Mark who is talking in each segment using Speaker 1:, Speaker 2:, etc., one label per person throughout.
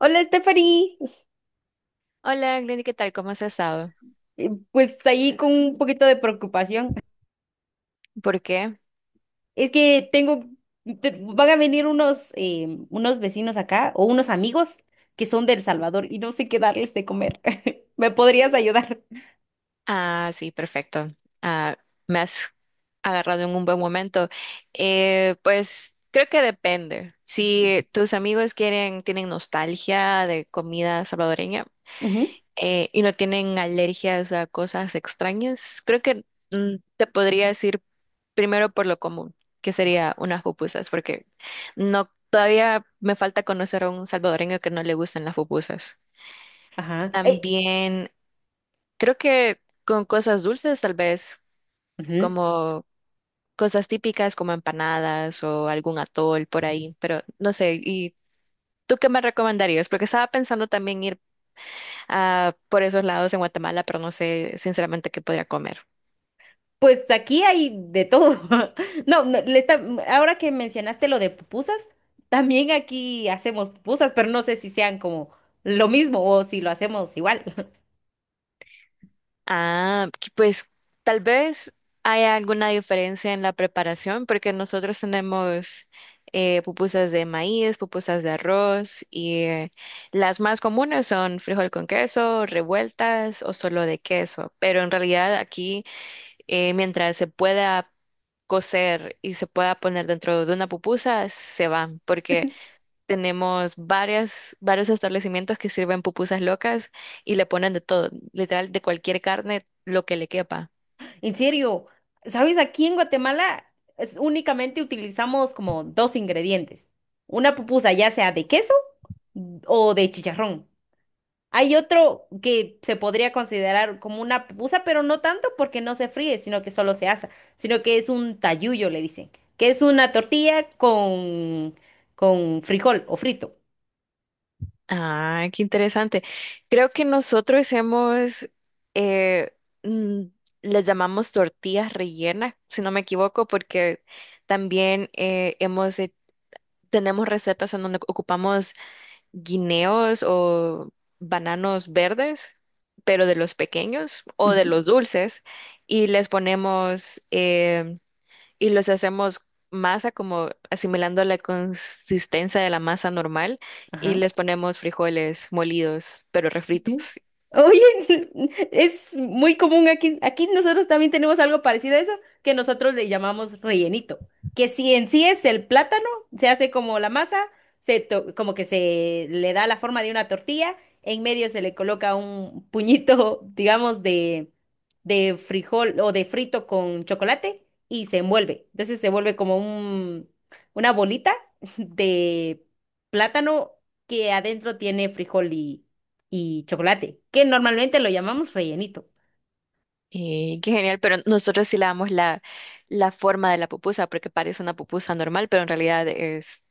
Speaker 1: Hola, Stephanie.
Speaker 2: Hola, Glenny, ¿qué tal? ¿Cómo has estado?
Speaker 1: Pues ahí con un poquito de preocupación.
Speaker 2: ¿Por qué?
Speaker 1: Es que van a venir unos vecinos acá o unos amigos que son de El Salvador y no sé qué darles de comer. ¿Me podrías ayudar?
Speaker 2: Ah, sí, perfecto. Ah, me has agarrado en un buen momento. Pues creo que depende. Si tus amigos quieren, tienen nostalgia de comida salvadoreña
Speaker 1: Ujú.
Speaker 2: y no tienen alergias a cosas extrañas, creo que te podría decir primero por lo común, que sería unas pupusas, porque no todavía me falta conocer a un salvadoreño que no le gusten las pupusas.
Speaker 1: Ajá.
Speaker 2: También creo que con cosas dulces, tal vez,
Speaker 1: Ujú.
Speaker 2: como cosas típicas como empanadas o algún atol por ahí, pero no sé. ¿Y tú qué me recomendarías? Porque estaba pensando también ir por esos lados en Guatemala, pero no sé sinceramente qué podría comer.
Speaker 1: Pues aquí hay de todo. No, no, le está- Ahora que mencionaste lo de pupusas, también aquí hacemos pupusas, pero no sé si sean como lo mismo o si lo hacemos igual.
Speaker 2: Ah, que pues tal vez hay alguna diferencia en la preparación, porque nosotros tenemos pupusas de maíz, pupusas de arroz y las más comunes son frijol con queso, revueltas o solo de queso. Pero en realidad aquí, mientras se pueda cocer y se pueda poner dentro de una pupusa, se van, porque tenemos varios establecimientos que sirven pupusas locas y le ponen de todo, literal, de cualquier carne, lo que le quepa.
Speaker 1: En serio, ¿sabes? Aquí en Guatemala únicamente utilizamos como dos ingredientes. Una pupusa ya sea de queso o de chicharrón. Hay otro que se podría considerar como una pupusa, pero no tanto porque no se fríe, sino que solo se asa, sino que es un tayuyo, le dicen, que es una tortilla con frijol o frito.
Speaker 2: Ah, qué interesante. Creo que nosotros eh, mm, les llamamos tortillas rellenas, si no me equivoco, porque también tenemos recetas en donde ocupamos guineos o bananos verdes, pero de los pequeños o de
Speaker 1: Ujú.
Speaker 2: los dulces, y les ponemos y los hacemos masa como asimilando la consistencia de la masa normal y
Speaker 1: Ajá.
Speaker 2: les ponemos frijoles molidos, pero refritos.
Speaker 1: Ujú. Oye, es muy común aquí. Aquí nosotros también tenemos algo parecido a eso, que nosotros le llamamos rellenito, que si en sí es el plátano, se hace como la masa, como que se le da la forma de una tortilla, en medio se le coloca un puñito, digamos, de frijol o de frito con chocolate y se envuelve. Entonces se vuelve como una bolita de plátano que adentro tiene frijol y chocolate, que normalmente lo llamamos rellenito.
Speaker 2: Y qué genial, pero nosotros sí le damos la forma de la pupusa, porque parece una pupusa normal, pero en realidad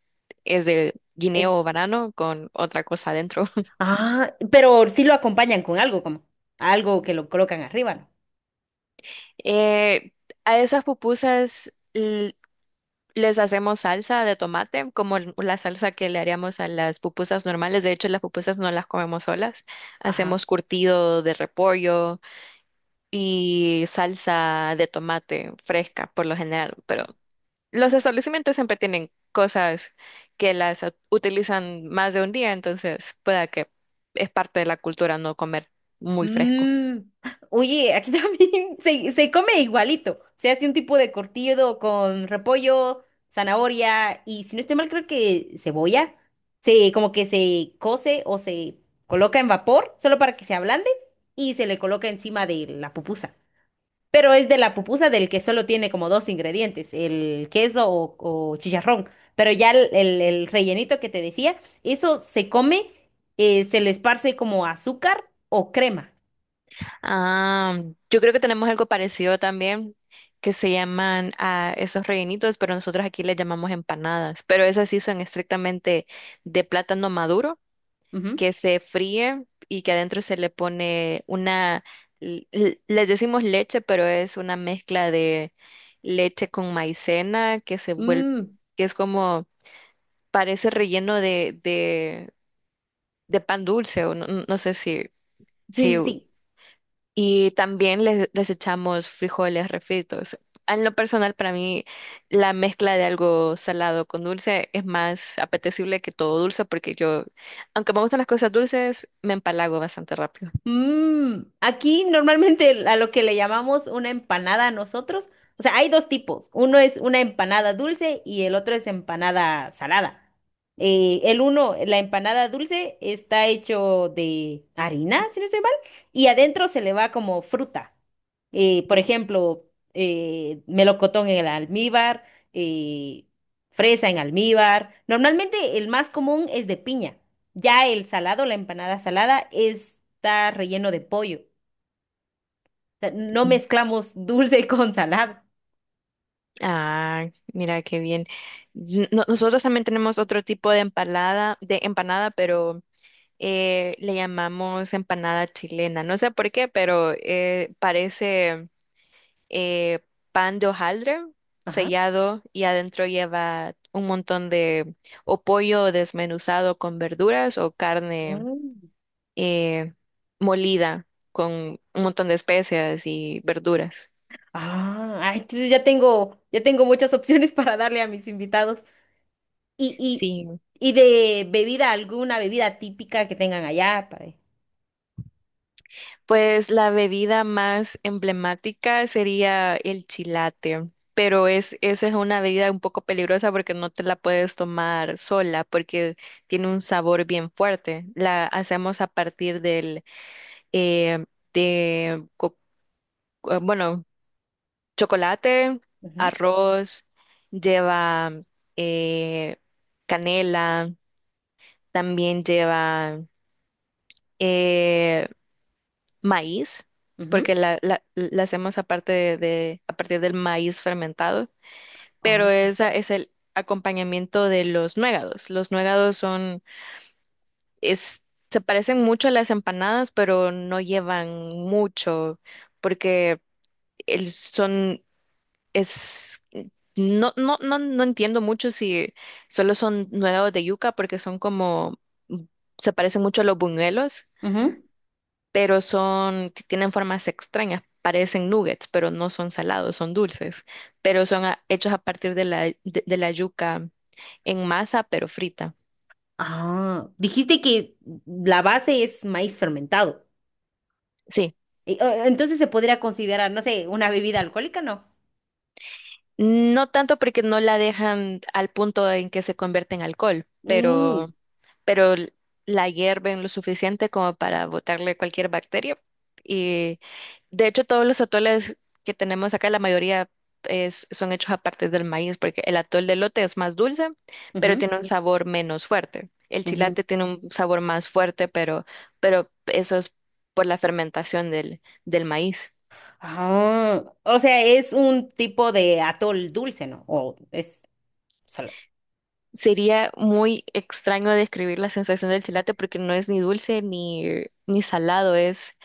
Speaker 2: es de
Speaker 1: Es-
Speaker 2: guineo o banano con otra cosa adentro.
Speaker 1: pero sí lo acompañan con algo, como algo que lo colocan arriba, ¿no?
Speaker 2: Eh, a esas pupusas les hacemos salsa de tomate, como la salsa que le haríamos a las pupusas normales. De hecho, las pupusas no las comemos solas.
Speaker 1: Ajá.
Speaker 2: Hacemos curtido de repollo y salsa de tomate fresca, por lo general. Pero los establecimientos siempre tienen cosas que las utilizan más de un día, entonces pueda que es parte de la cultura no comer muy fresco.
Speaker 1: Mm. Oye, aquí también se come igualito. Se hace un tipo de cortido con repollo, zanahoria y si no estoy mal, creo que cebolla. Como que se cose o se coloca en vapor solo para que se ablande y se le coloca encima de la pupusa. Pero es de la pupusa del que solo tiene como dos ingredientes, el queso o chicharrón. Pero ya el rellenito que te decía, eso se come, se le esparce como azúcar o crema.
Speaker 2: Ah, yo creo que tenemos algo parecido también, que se llaman a esos rellenitos, pero nosotros aquí les llamamos empanadas. Pero esas sí son estrictamente de plátano maduro,
Speaker 1: Ujú.
Speaker 2: que se fríe y que adentro se le pone una, les decimos leche, pero es una mezcla de leche con maicena que se vuelve,
Speaker 1: Mm,
Speaker 2: que es como, parece relleno de pan dulce, o no, no no sé si,
Speaker 1: sí,
Speaker 2: si
Speaker 1: sí, sí.
Speaker 2: Y también les echamos frijoles refritos. En lo personal, para mí, la mezcla de algo salado con dulce es más apetecible que todo dulce, porque yo, aunque me gustan las cosas dulces, me empalago bastante rápido.
Speaker 1: Mm, aquí normalmente a lo que le llamamos una empanada a nosotros, o sea, hay dos tipos. Uno es una empanada dulce y el otro es empanada salada. El uno, la empanada dulce, está hecho de harina, si no estoy mal, y adentro se le va como fruta. Por ejemplo, melocotón en el almíbar, eh, fresa en almíbar. Normalmente el más común es de piña. Ya el salado, la empanada salada, está relleno de pollo. O sea, no
Speaker 2: Mm.
Speaker 1: mezclamos dulce con salado.
Speaker 2: Ah, mira qué bien. Nosotros también tenemos otro tipo de empanada, pero le llamamos empanada chilena. No sé por qué, pero parece eh, pan de hojaldre
Speaker 1: Ajá.
Speaker 2: sellado y adentro lleva un montón de o pollo desmenuzado con verduras o carne
Speaker 1: Mm.
Speaker 2: eh, molida con un montón de especias y verduras.
Speaker 1: Ah, ay, entonces ya ya tengo muchas opciones para darle a mis invitados. Y, y,
Speaker 2: Sí,
Speaker 1: y de bebida, alguna bebida típica que tengan allá para.
Speaker 2: pues la bebida más emblemática sería el chilate, pero eso es una bebida un poco peligrosa porque no te la puedes tomar sola porque tiene un sabor bien fuerte. La hacemos a partir del eh, de, co- eh, bueno, chocolate,
Speaker 1: Ujú,
Speaker 2: arroz, lleva eh, canela, también lleva eh, maíz,
Speaker 1: ujú.
Speaker 2: porque la hacemos aparte a partir del maíz fermentado, pero
Speaker 1: Oh,
Speaker 2: esa es el acompañamiento de los nuegados. Los nuegados es, se parecen mucho a las empanadas, pero no llevan mucho, porque el- son es, no, no, no, no entiendo mucho si solo son nuevos de yuca porque son como, se parecen mucho a los buñuelos,
Speaker 1: ujú.
Speaker 2: pero tienen formas extrañas, parecen nuggets, pero no son salados, son dulces, pero hechos a partir de de la yuca en masa, pero frita.
Speaker 1: Ah, dijiste que la base es maíz fermentado.
Speaker 2: Sí.
Speaker 1: Entonces se podría considerar, no sé, una bebida alcohólica, ¿no?
Speaker 2: No tanto porque no la dejan al punto en que se convierte en alcohol,
Speaker 1: Mm,
Speaker 2: pero, pero la hierven lo suficiente como para botarle cualquier bacteria. Y de hecho todos los atoles que tenemos acá, la mayoría son hechos a partir del maíz, porque el atol de elote es más dulce, pero
Speaker 1: ujú.
Speaker 2: tiene un Ujú. Sabor menos fuerte. El
Speaker 1: Ujú.
Speaker 2: chilate tiene un sabor más fuerte, pero eso es por la fermentación del maíz.
Speaker 1: Ah, o sea, es un tipo de atol dulce, ¿no? O es solo.
Speaker 2: Sería muy extraño describir la sensación del chilate porque no es ni dulce ni salado,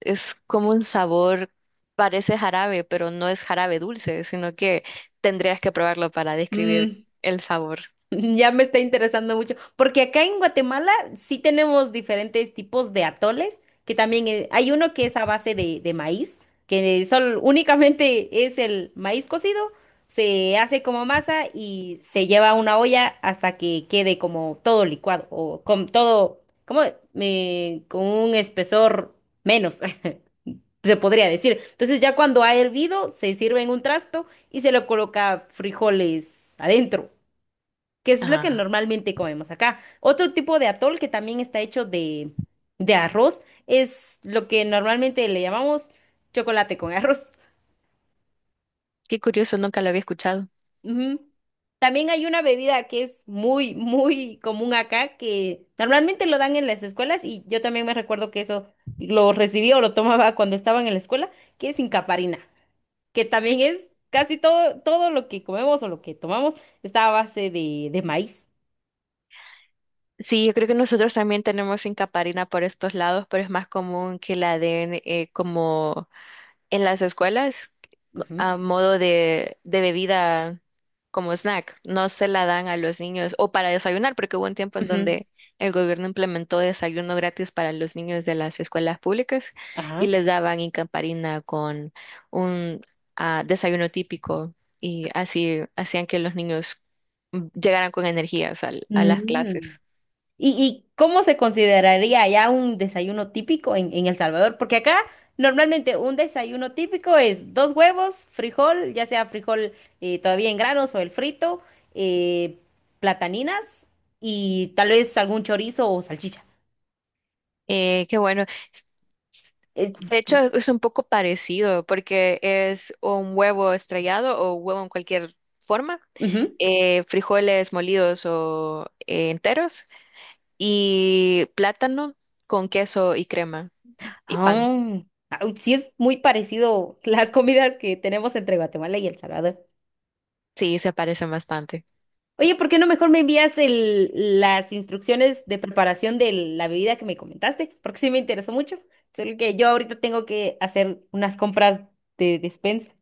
Speaker 2: es como un sabor, parece jarabe, pero no es jarabe dulce, sino que tendrías que probarlo para describir
Speaker 1: Mm,
Speaker 2: el sabor.
Speaker 1: ya me está interesando mucho, porque acá en Guatemala sí tenemos diferentes tipos de atoles, que también hay uno que es a base de maíz, que solo únicamente es el maíz cocido, se hace como masa y se lleva a una olla hasta que quede como todo licuado o con todo, como con un espesor menos. Se podría decir. Entonces ya cuando ha hervido, se sirve en un trasto y se le coloca frijoles adentro, que es lo que
Speaker 2: Ah,
Speaker 1: normalmente comemos acá. Otro tipo de atol que también está hecho de arroz es lo que normalmente le llamamos chocolate con arroz.
Speaker 2: qué curioso, nunca lo había escuchado.
Speaker 1: Ujú. También hay una bebida que es muy, muy común acá, que normalmente lo dan en las escuelas y yo también me recuerdo que eso lo recibí o lo tomaba cuando estaba en la escuela, que es incaparina. Que también es casi todo, todo lo que comemos o lo que tomamos está a base de maíz.
Speaker 2: Sí, yo creo que nosotros también tenemos incaparina por estos lados, pero es más común que la den como en las escuelas
Speaker 1: Ujú,
Speaker 2: a modo de bebida como snack. No se la dan a los niños o para desayunar, porque hubo un tiempo en
Speaker 1: ujú.
Speaker 2: donde el gobierno implementó desayuno gratis para los niños de las escuelas públicas y
Speaker 1: Ajá.
Speaker 2: les daban incamparina con un desayuno típico y así hacían que los niños llegaran con energías a las
Speaker 1: Mm.
Speaker 2: clases.
Speaker 1: Y cómo se consideraría ya un desayuno típico en El Salvador? Porque acá normalmente un desayuno típico es 2 huevos, frijol, ya sea frijol todavía en granos o el frito, eh, plataninas y tal vez algún chorizo o salchicha.
Speaker 2: Qué bueno.
Speaker 1: Es-
Speaker 2: De hecho, es un poco parecido porque es un huevo estrellado o huevo en cualquier forma,
Speaker 1: ujú.
Speaker 2: frijoles molidos o enteros y plátano con queso y crema y
Speaker 1: Ah,
Speaker 2: pan.
Speaker 1: ah, uy, sí es muy parecido las comidas que tenemos entre Guatemala y El Salvador.
Speaker 2: Sí, se parecen bastante.
Speaker 1: Oye, ¿por qué no mejor me envías las instrucciones de preparación de la bebida que me comentaste? Porque sí me interesó mucho. Solo que yo ahorita tengo que hacer unas compras de despensa.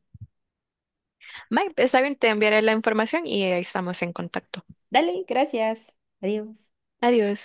Speaker 2: Mike, está bien, te enviaré la información y ahí estamos en contacto.
Speaker 1: Dale, gracias. Adiós.
Speaker 2: Adiós.